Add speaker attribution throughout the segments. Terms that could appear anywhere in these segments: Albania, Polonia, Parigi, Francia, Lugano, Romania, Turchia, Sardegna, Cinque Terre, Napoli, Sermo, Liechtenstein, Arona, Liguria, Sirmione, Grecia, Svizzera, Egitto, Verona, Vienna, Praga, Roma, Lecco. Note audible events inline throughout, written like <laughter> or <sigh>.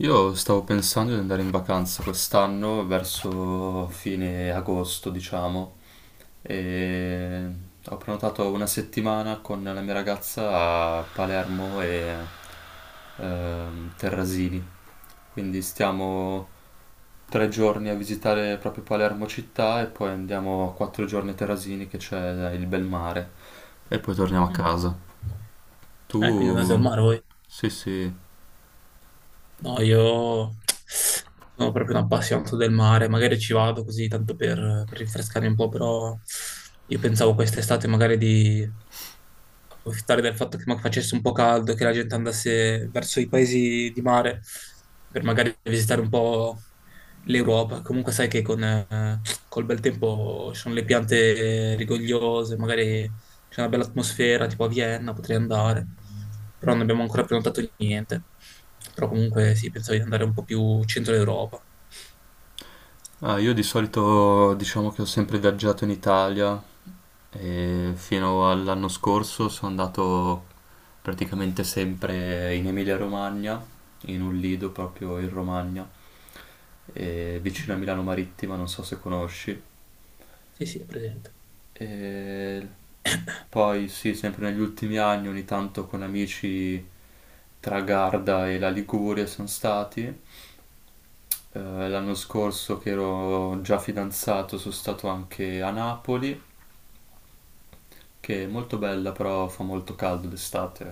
Speaker 1: Io stavo pensando di andare in vacanza quest'anno verso fine agosto, diciamo, e ho prenotato una settimana con la mia ragazza a Palermo e Terrasini. Quindi stiamo 3 giorni a visitare proprio Palermo città e poi andiamo 4 giorni a Terrasini che c'è il bel mare e poi torniamo a
Speaker 2: Mm.
Speaker 1: casa.
Speaker 2: Quindi andate al
Speaker 1: Tu?
Speaker 2: mare voi?
Speaker 1: Sì, sì.
Speaker 2: No, io non sono proprio un appassionato del mare, magari ci vado così tanto per rinfrescarmi un po', però io pensavo quest'estate magari di approfittare del fatto che facesse un po' caldo, che la gente andasse verso i paesi di mare per magari visitare un po' l'Europa. Comunque sai che con col bel tempo ci sono le piante rigogliose, magari c'è una bella atmosfera, tipo a Vienna potrei andare, però non abbiamo ancora prenotato niente. Però comunque sì, pensavo di andare un po' più centro Europa.
Speaker 1: Ah, io di solito diciamo che ho sempre viaggiato in Italia e fino all'anno scorso sono andato praticamente sempre in Emilia-Romagna, in un lido proprio in Romagna, e vicino a Milano Marittima, non so se conosci.
Speaker 2: Sì, sì, è presente.
Speaker 1: E poi sì, sempre negli ultimi anni ogni tanto con amici tra Garda e la Liguria sono stati. Eh, l'anno scorso che ero già fidanzato sono stato anche a Napoli, che è molto bella, però fa molto caldo d'estate.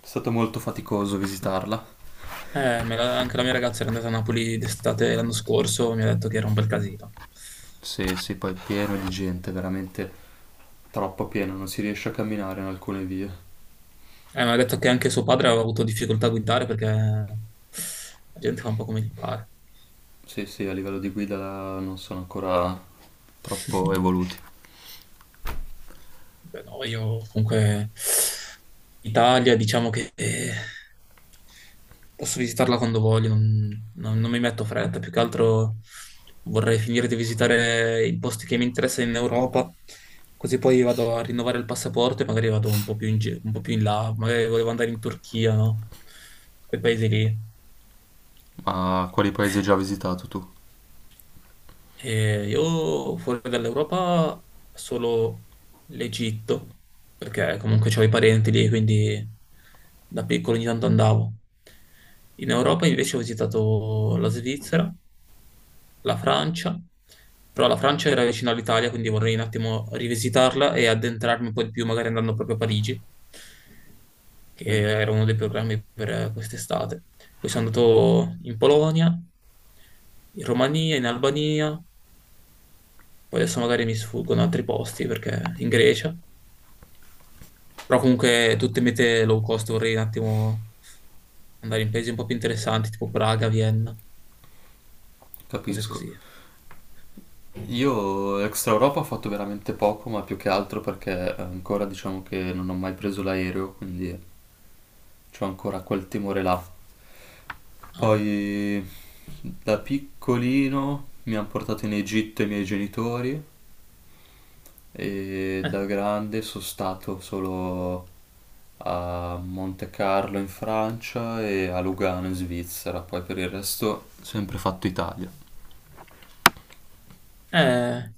Speaker 1: È stato molto faticoso visitarla.
Speaker 2: Anche la mia ragazza era andata a Napoli d'estate l'anno scorso, mi ha detto che era un bel casino.
Speaker 1: Sì, sì, poi è pieno di gente, veramente troppo pieno, non si riesce a camminare in alcune vie.
Speaker 2: Mi ha detto che anche suo padre aveva avuto difficoltà a guidare perché la gente fa un po' come gli pare.
Speaker 1: Sì, sì, a livello di guida non sono ancora troppo evoluti.
Speaker 2: <laughs> Beh, no, io comunque Italia diciamo che posso visitarla quando voglio, non mi metto fretta, più che altro vorrei finire di visitare i posti che mi interessano in Europa, così poi vado a rinnovare il passaporto e magari vado un po' un po' più in là, magari volevo andare in Turchia, no? Quei paesi lì.
Speaker 1: Ma quali paesi hai già visitato tu?
Speaker 2: E io fuori dall'Europa solo l'Egitto, perché comunque c'ho i parenti lì, quindi da piccolo ogni tanto andavo. In Europa invece ho visitato la Svizzera, la Francia, però la Francia era vicino all'Italia, quindi vorrei un attimo rivisitarla e addentrarmi un po' di più, magari andando proprio a Parigi, che
Speaker 1: Mm,
Speaker 2: era uno dei programmi per quest'estate. Poi sono andato in Polonia, in Romania, in Albania, poi adesso magari mi sfuggono altri posti perché in Grecia. Però comunque tutte mete low cost vorrei un attimo andare in paesi un po' più interessanti, tipo Praga, Vienna, cose
Speaker 1: capisco.
Speaker 2: così.
Speaker 1: Io extra Europa ho fatto veramente poco, ma più che altro perché ancora diciamo che non ho mai preso l'aereo, quindi ho ancora quel timore là.
Speaker 2: Ah,
Speaker 1: Poi da piccolino mi hanno portato in Egitto i miei genitori e
Speaker 2: eh.
Speaker 1: da grande sono stato solo a Monte Carlo in Francia e a Lugano in Svizzera, poi per il resto sempre fatto Italia.
Speaker 2: Eh,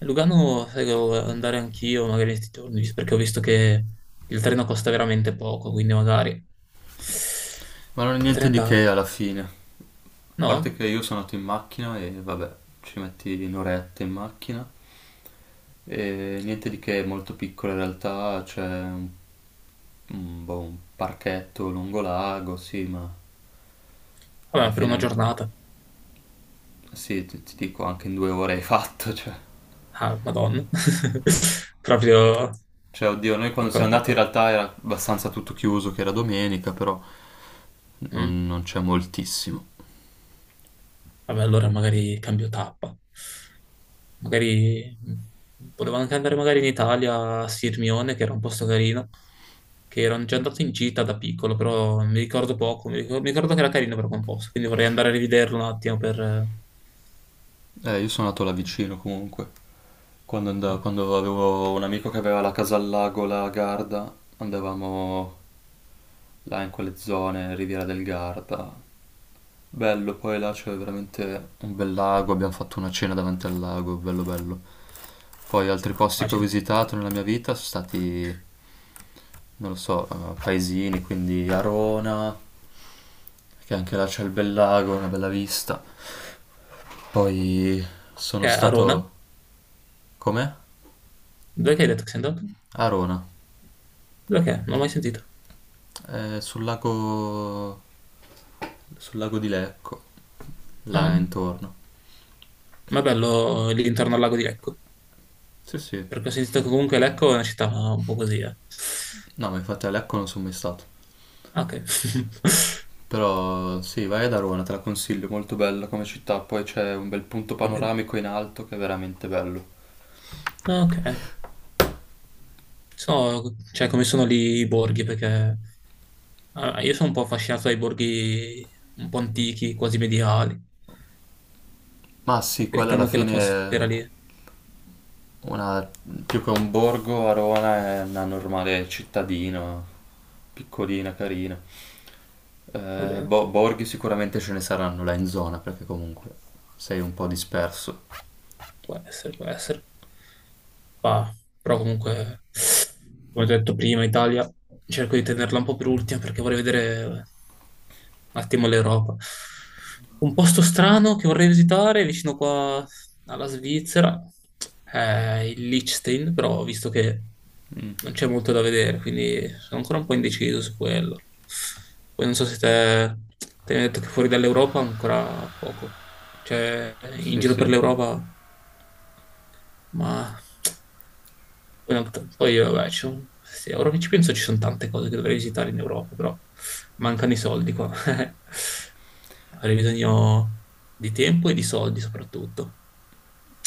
Speaker 2: Lugano, sai, che devo andare anch'io magari questi giorni, perché ho visto che il treno costa veramente poco, quindi magari
Speaker 1: Ma non è
Speaker 2: potrei
Speaker 1: niente di che
Speaker 2: andare.
Speaker 1: alla fine. A parte
Speaker 2: No?
Speaker 1: che io sono andato in macchina e vabbè, ci metti un'oretta in macchina. E niente di che, è molto piccola in realtà, c'è un boh, un parchetto lungo lago, sì, ma
Speaker 2: Vabbè,
Speaker 1: alla
Speaker 2: ma per una
Speaker 1: fine
Speaker 2: giornata.
Speaker 1: sì, ti dico anche in 2 ore hai fatto, <laughs> cioè.
Speaker 2: Ah, Madonna. <laughs> Proprio
Speaker 1: Cioè, oddio, noi quando
Speaker 2: piccola
Speaker 1: siamo andati in
Speaker 2: piccola.
Speaker 1: realtà era abbastanza tutto chiuso, che era domenica, però non,
Speaker 2: Mm.
Speaker 1: non c'è moltissimo.
Speaker 2: Vabbè, allora magari cambio tappa. Magari volevo anche andare magari in Italia a Sirmione, che era un posto carino, che ero già andato in gita da piccolo, però mi ricordo poco, mi ricordo che era carino però quel posto, quindi vorrei andare a rivederlo un attimo
Speaker 1: Io sono andato là vicino comunque. Quando,
Speaker 2: mh,
Speaker 1: andavo, quando avevo un amico che aveva la casa al lago, la Garda, andavamo là in quelle zone, Riviera del Garda. Bello, poi là c'è veramente un bel lago, abbiamo fatto una cena davanti al lago, bello bello. Poi altri posti che ho
Speaker 2: Immagino.
Speaker 1: visitato nella mia vita sono stati, non lo so, paesini, quindi Arona, che anche là c'è il bel lago, una bella vista. Poi sono
Speaker 2: Che è? Arona?
Speaker 1: stato... Com'è?
Speaker 2: Dove che hai detto che sei andato?
Speaker 1: Arona.
Speaker 2: Dove che è? Non l'ho mai sentito.
Speaker 1: Eh, sul lago... sul lago di Lecco, là
Speaker 2: Ah,
Speaker 1: intorno.
Speaker 2: ma è bello lì intorno al lago di Lecco,
Speaker 1: Sì, sì.
Speaker 2: perché ho sentito che comunque Lecco è una città un po' così, eh.
Speaker 1: No, ma infatti a Lecco non sono mai stato.
Speaker 2: Ah, ok. <laughs>
Speaker 1: Però sì, vai ad Arona, te la consiglio, è molto bella come città. Poi c'è un bel punto
Speaker 2: Va bene.
Speaker 1: panoramico in alto che è veramente bello.
Speaker 2: Ah, ok. So, cioè, come sono lì i borghi, perché allora, io sono un po' affascinato dai borghi un po' antichi, quasi medievali,
Speaker 1: Ma sì, quella
Speaker 2: perché
Speaker 1: alla
Speaker 2: hanno
Speaker 1: fine è
Speaker 2: quell'atmosfera lì.
Speaker 1: una... più che un borgo, Arona è una normale cittadina, piccolina, carina.
Speaker 2: Va bene.
Speaker 1: Borghi sicuramente ce ne saranno là in zona, perché comunque sei un po' disperso.
Speaker 2: Può essere, può essere. Ma- Però comunque, come ho detto prima, Italia, cerco di tenerla un po' per ultima perché vorrei vedere un attimo l'Europa. Un posto strano che vorrei visitare vicino qua alla Svizzera è il Liechtenstein, però ho visto che non c'è molto da vedere, quindi sono ancora un po' indeciso su quello. Poi non so se te, te ne hai detto che fuori dall'Europa ancora poco. Cioè, in
Speaker 1: Sì,
Speaker 2: giro per
Speaker 1: sì.
Speaker 2: l'Europa ma poi, vabbè, sì, ora che ci penso ci sono tante cose che dovrei visitare in Europa, però mancano i soldi qua. <laughs> Avrei bisogno di tempo e di soldi soprattutto.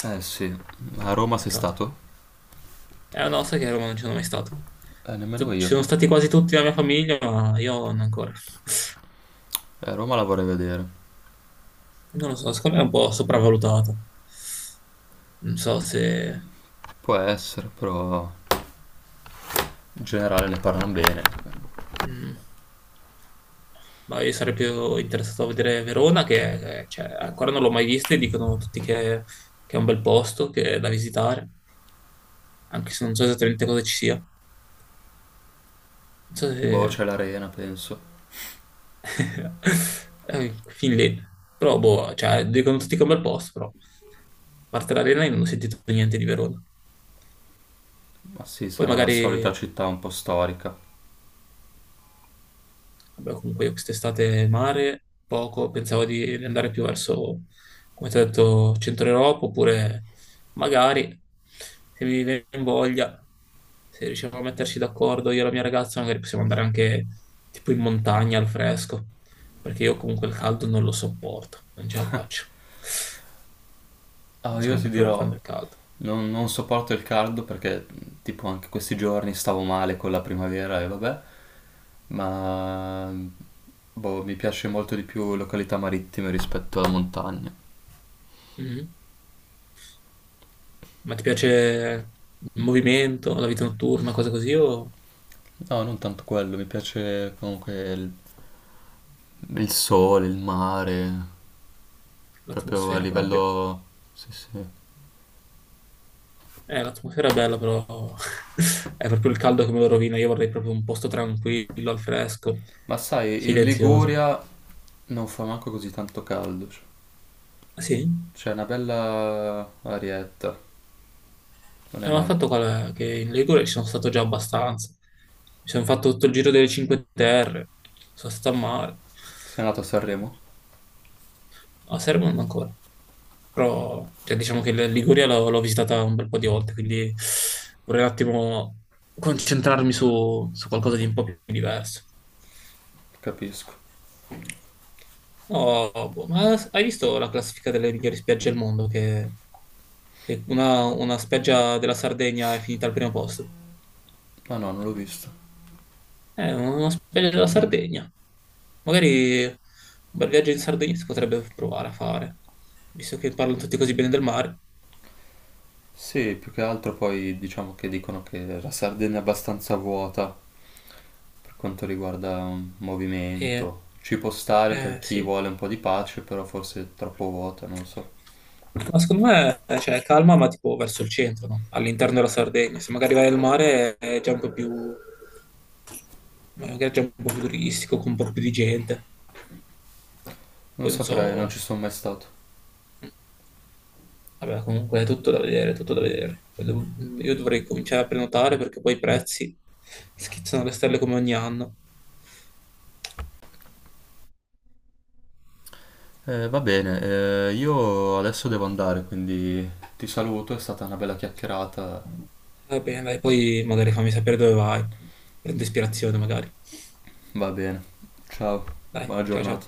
Speaker 1: Eh sì, a
Speaker 2: Peccato,
Speaker 1: Roma sei
Speaker 2: peccato.
Speaker 1: stato?
Speaker 2: Eh no, sai che a Roma non ci sono mai stato.
Speaker 1: Nemmeno
Speaker 2: Ci
Speaker 1: io.
Speaker 2: sono stati quasi tutti la mia famiglia, ma io non ancora.
Speaker 1: Roma la vorrei vedere.
Speaker 2: Non lo so, secondo me è un po' sopravvalutata. Non so se...
Speaker 1: Può essere, però in generale ne parlano bene.
Speaker 2: mm. Ma io sarei più interessato a vedere Verona, che ancora non l'ho mai vista e che è un bel posto, che è da visitare, anche se non so esattamente cosa ci sia. Non so
Speaker 1: Boh,
Speaker 2: se...
Speaker 1: c'è l'arena, penso.
Speaker 2: <laughs> Fin lì. Però, boh, cioè, dicono tutti che è un bel posto, però. A parte l'arena io non ho sentito niente di Verona.
Speaker 1: Ma sì,
Speaker 2: Poi
Speaker 1: sarà la
Speaker 2: magari
Speaker 1: solita città un po' storica.
Speaker 2: vabbè, comunque io quest'estate mare, poco, pensavo di andare più verso, come ti ho detto, centro Europa, oppure magari, se mi viene in voglia, se riusciamo a metterci d'accordo io e la mia ragazza, magari possiamo andare anche tipo in montagna al fresco, perché io comunque il caldo non lo sopporto, non ce la faccio. Non
Speaker 1: Ah, io
Speaker 2: sono
Speaker 1: ti
Speaker 2: proprio un fan
Speaker 1: dirò,
Speaker 2: del caldo.
Speaker 1: non sopporto il caldo perché tipo anche questi giorni stavo male con la primavera e vabbè, ma boh, mi piace molto di più località marittime rispetto alla montagna.
Speaker 2: Mhm. Ma ti piace il movimento, la vita notturna, cose così, o
Speaker 1: No, non tanto quello, mi piace comunque il sole, il mare, proprio a
Speaker 2: l'atmosfera proprio?
Speaker 1: livello... Sì, sì.
Speaker 2: L'atmosfera è bella, però <laughs> è proprio il caldo che me lo rovina. Io vorrei proprio un posto tranquillo, al fresco,
Speaker 1: Ma sai, in
Speaker 2: silenzioso.
Speaker 1: Liguria non fa manco così tanto caldo. Cioè.
Speaker 2: Ah, sì.
Speaker 1: C'è una bella arietta, non è
Speaker 2: Ma il
Speaker 1: male.
Speaker 2: fatto qual è? Che in Ligure ci sono stato già abbastanza. Mi sono fatto tutto il giro delle Cinque Terre, sono stato a mare.
Speaker 1: Sei andato a Sanremo?
Speaker 2: A Sermo non ancora. Però, cioè, diciamo che la Liguria l'ho visitata un bel po' di volte, quindi vorrei un attimo concentrarmi su qualcosa di un po' più diverso.
Speaker 1: Capisco.
Speaker 2: No, boh, ma hai visto la classifica delle migliori spiagge al mondo? Che una spiaggia della Sardegna è finita al primo posto.
Speaker 1: Ma no, non l'ho visto.
Speaker 2: Una spiaggia della Sardegna. Magari un bel viaggio in Sardegna si potrebbe provare a fare, visto che parlano tutti così bene del mare.
Speaker 1: Sì, più che altro poi diciamo che dicono che la Sardegna è abbastanza vuota per quanto riguarda
Speaker 2: E,
Speaker 1: movimento. Ci può stare per chi
Speaker 2: sì.
Speaker 1: vuole un po' di pace, però forse è troppo vuota, non lo so.
Speaker 2: Ma secondo me, cioè, calma, ma tipo verso il centro, no? All'interno della Sardegna. Se magari vai al mare è già un po' più, magari è già un po' più turistico, con un po' più di gente. Poi
Speaker 1: Non
Speaker 2: non so,
Speaker 1: saprei, non ci sono mai stato.
Speaker 2: vabbè, comunque è tutto da vedere, tutto da vedere. Io dovrei cominciare a prenotare perché poi i prezzi schizzano alle stelle come ogni anno.
Speaker 1: Va bene, io adesso devo andare, quindi ti saluto, è stata una bella chiacchierata.
Speaker 2: Va bene, dai, poi magari fammi sapere dove vai. Prendo ispirazione magari.
Speaker 1: Va bene, ciao,
Speaker 2: Dai,
Speaker 1: buona
Speaker 2: ciao
Speaker 1: giornata.
Speaker 2: ciao.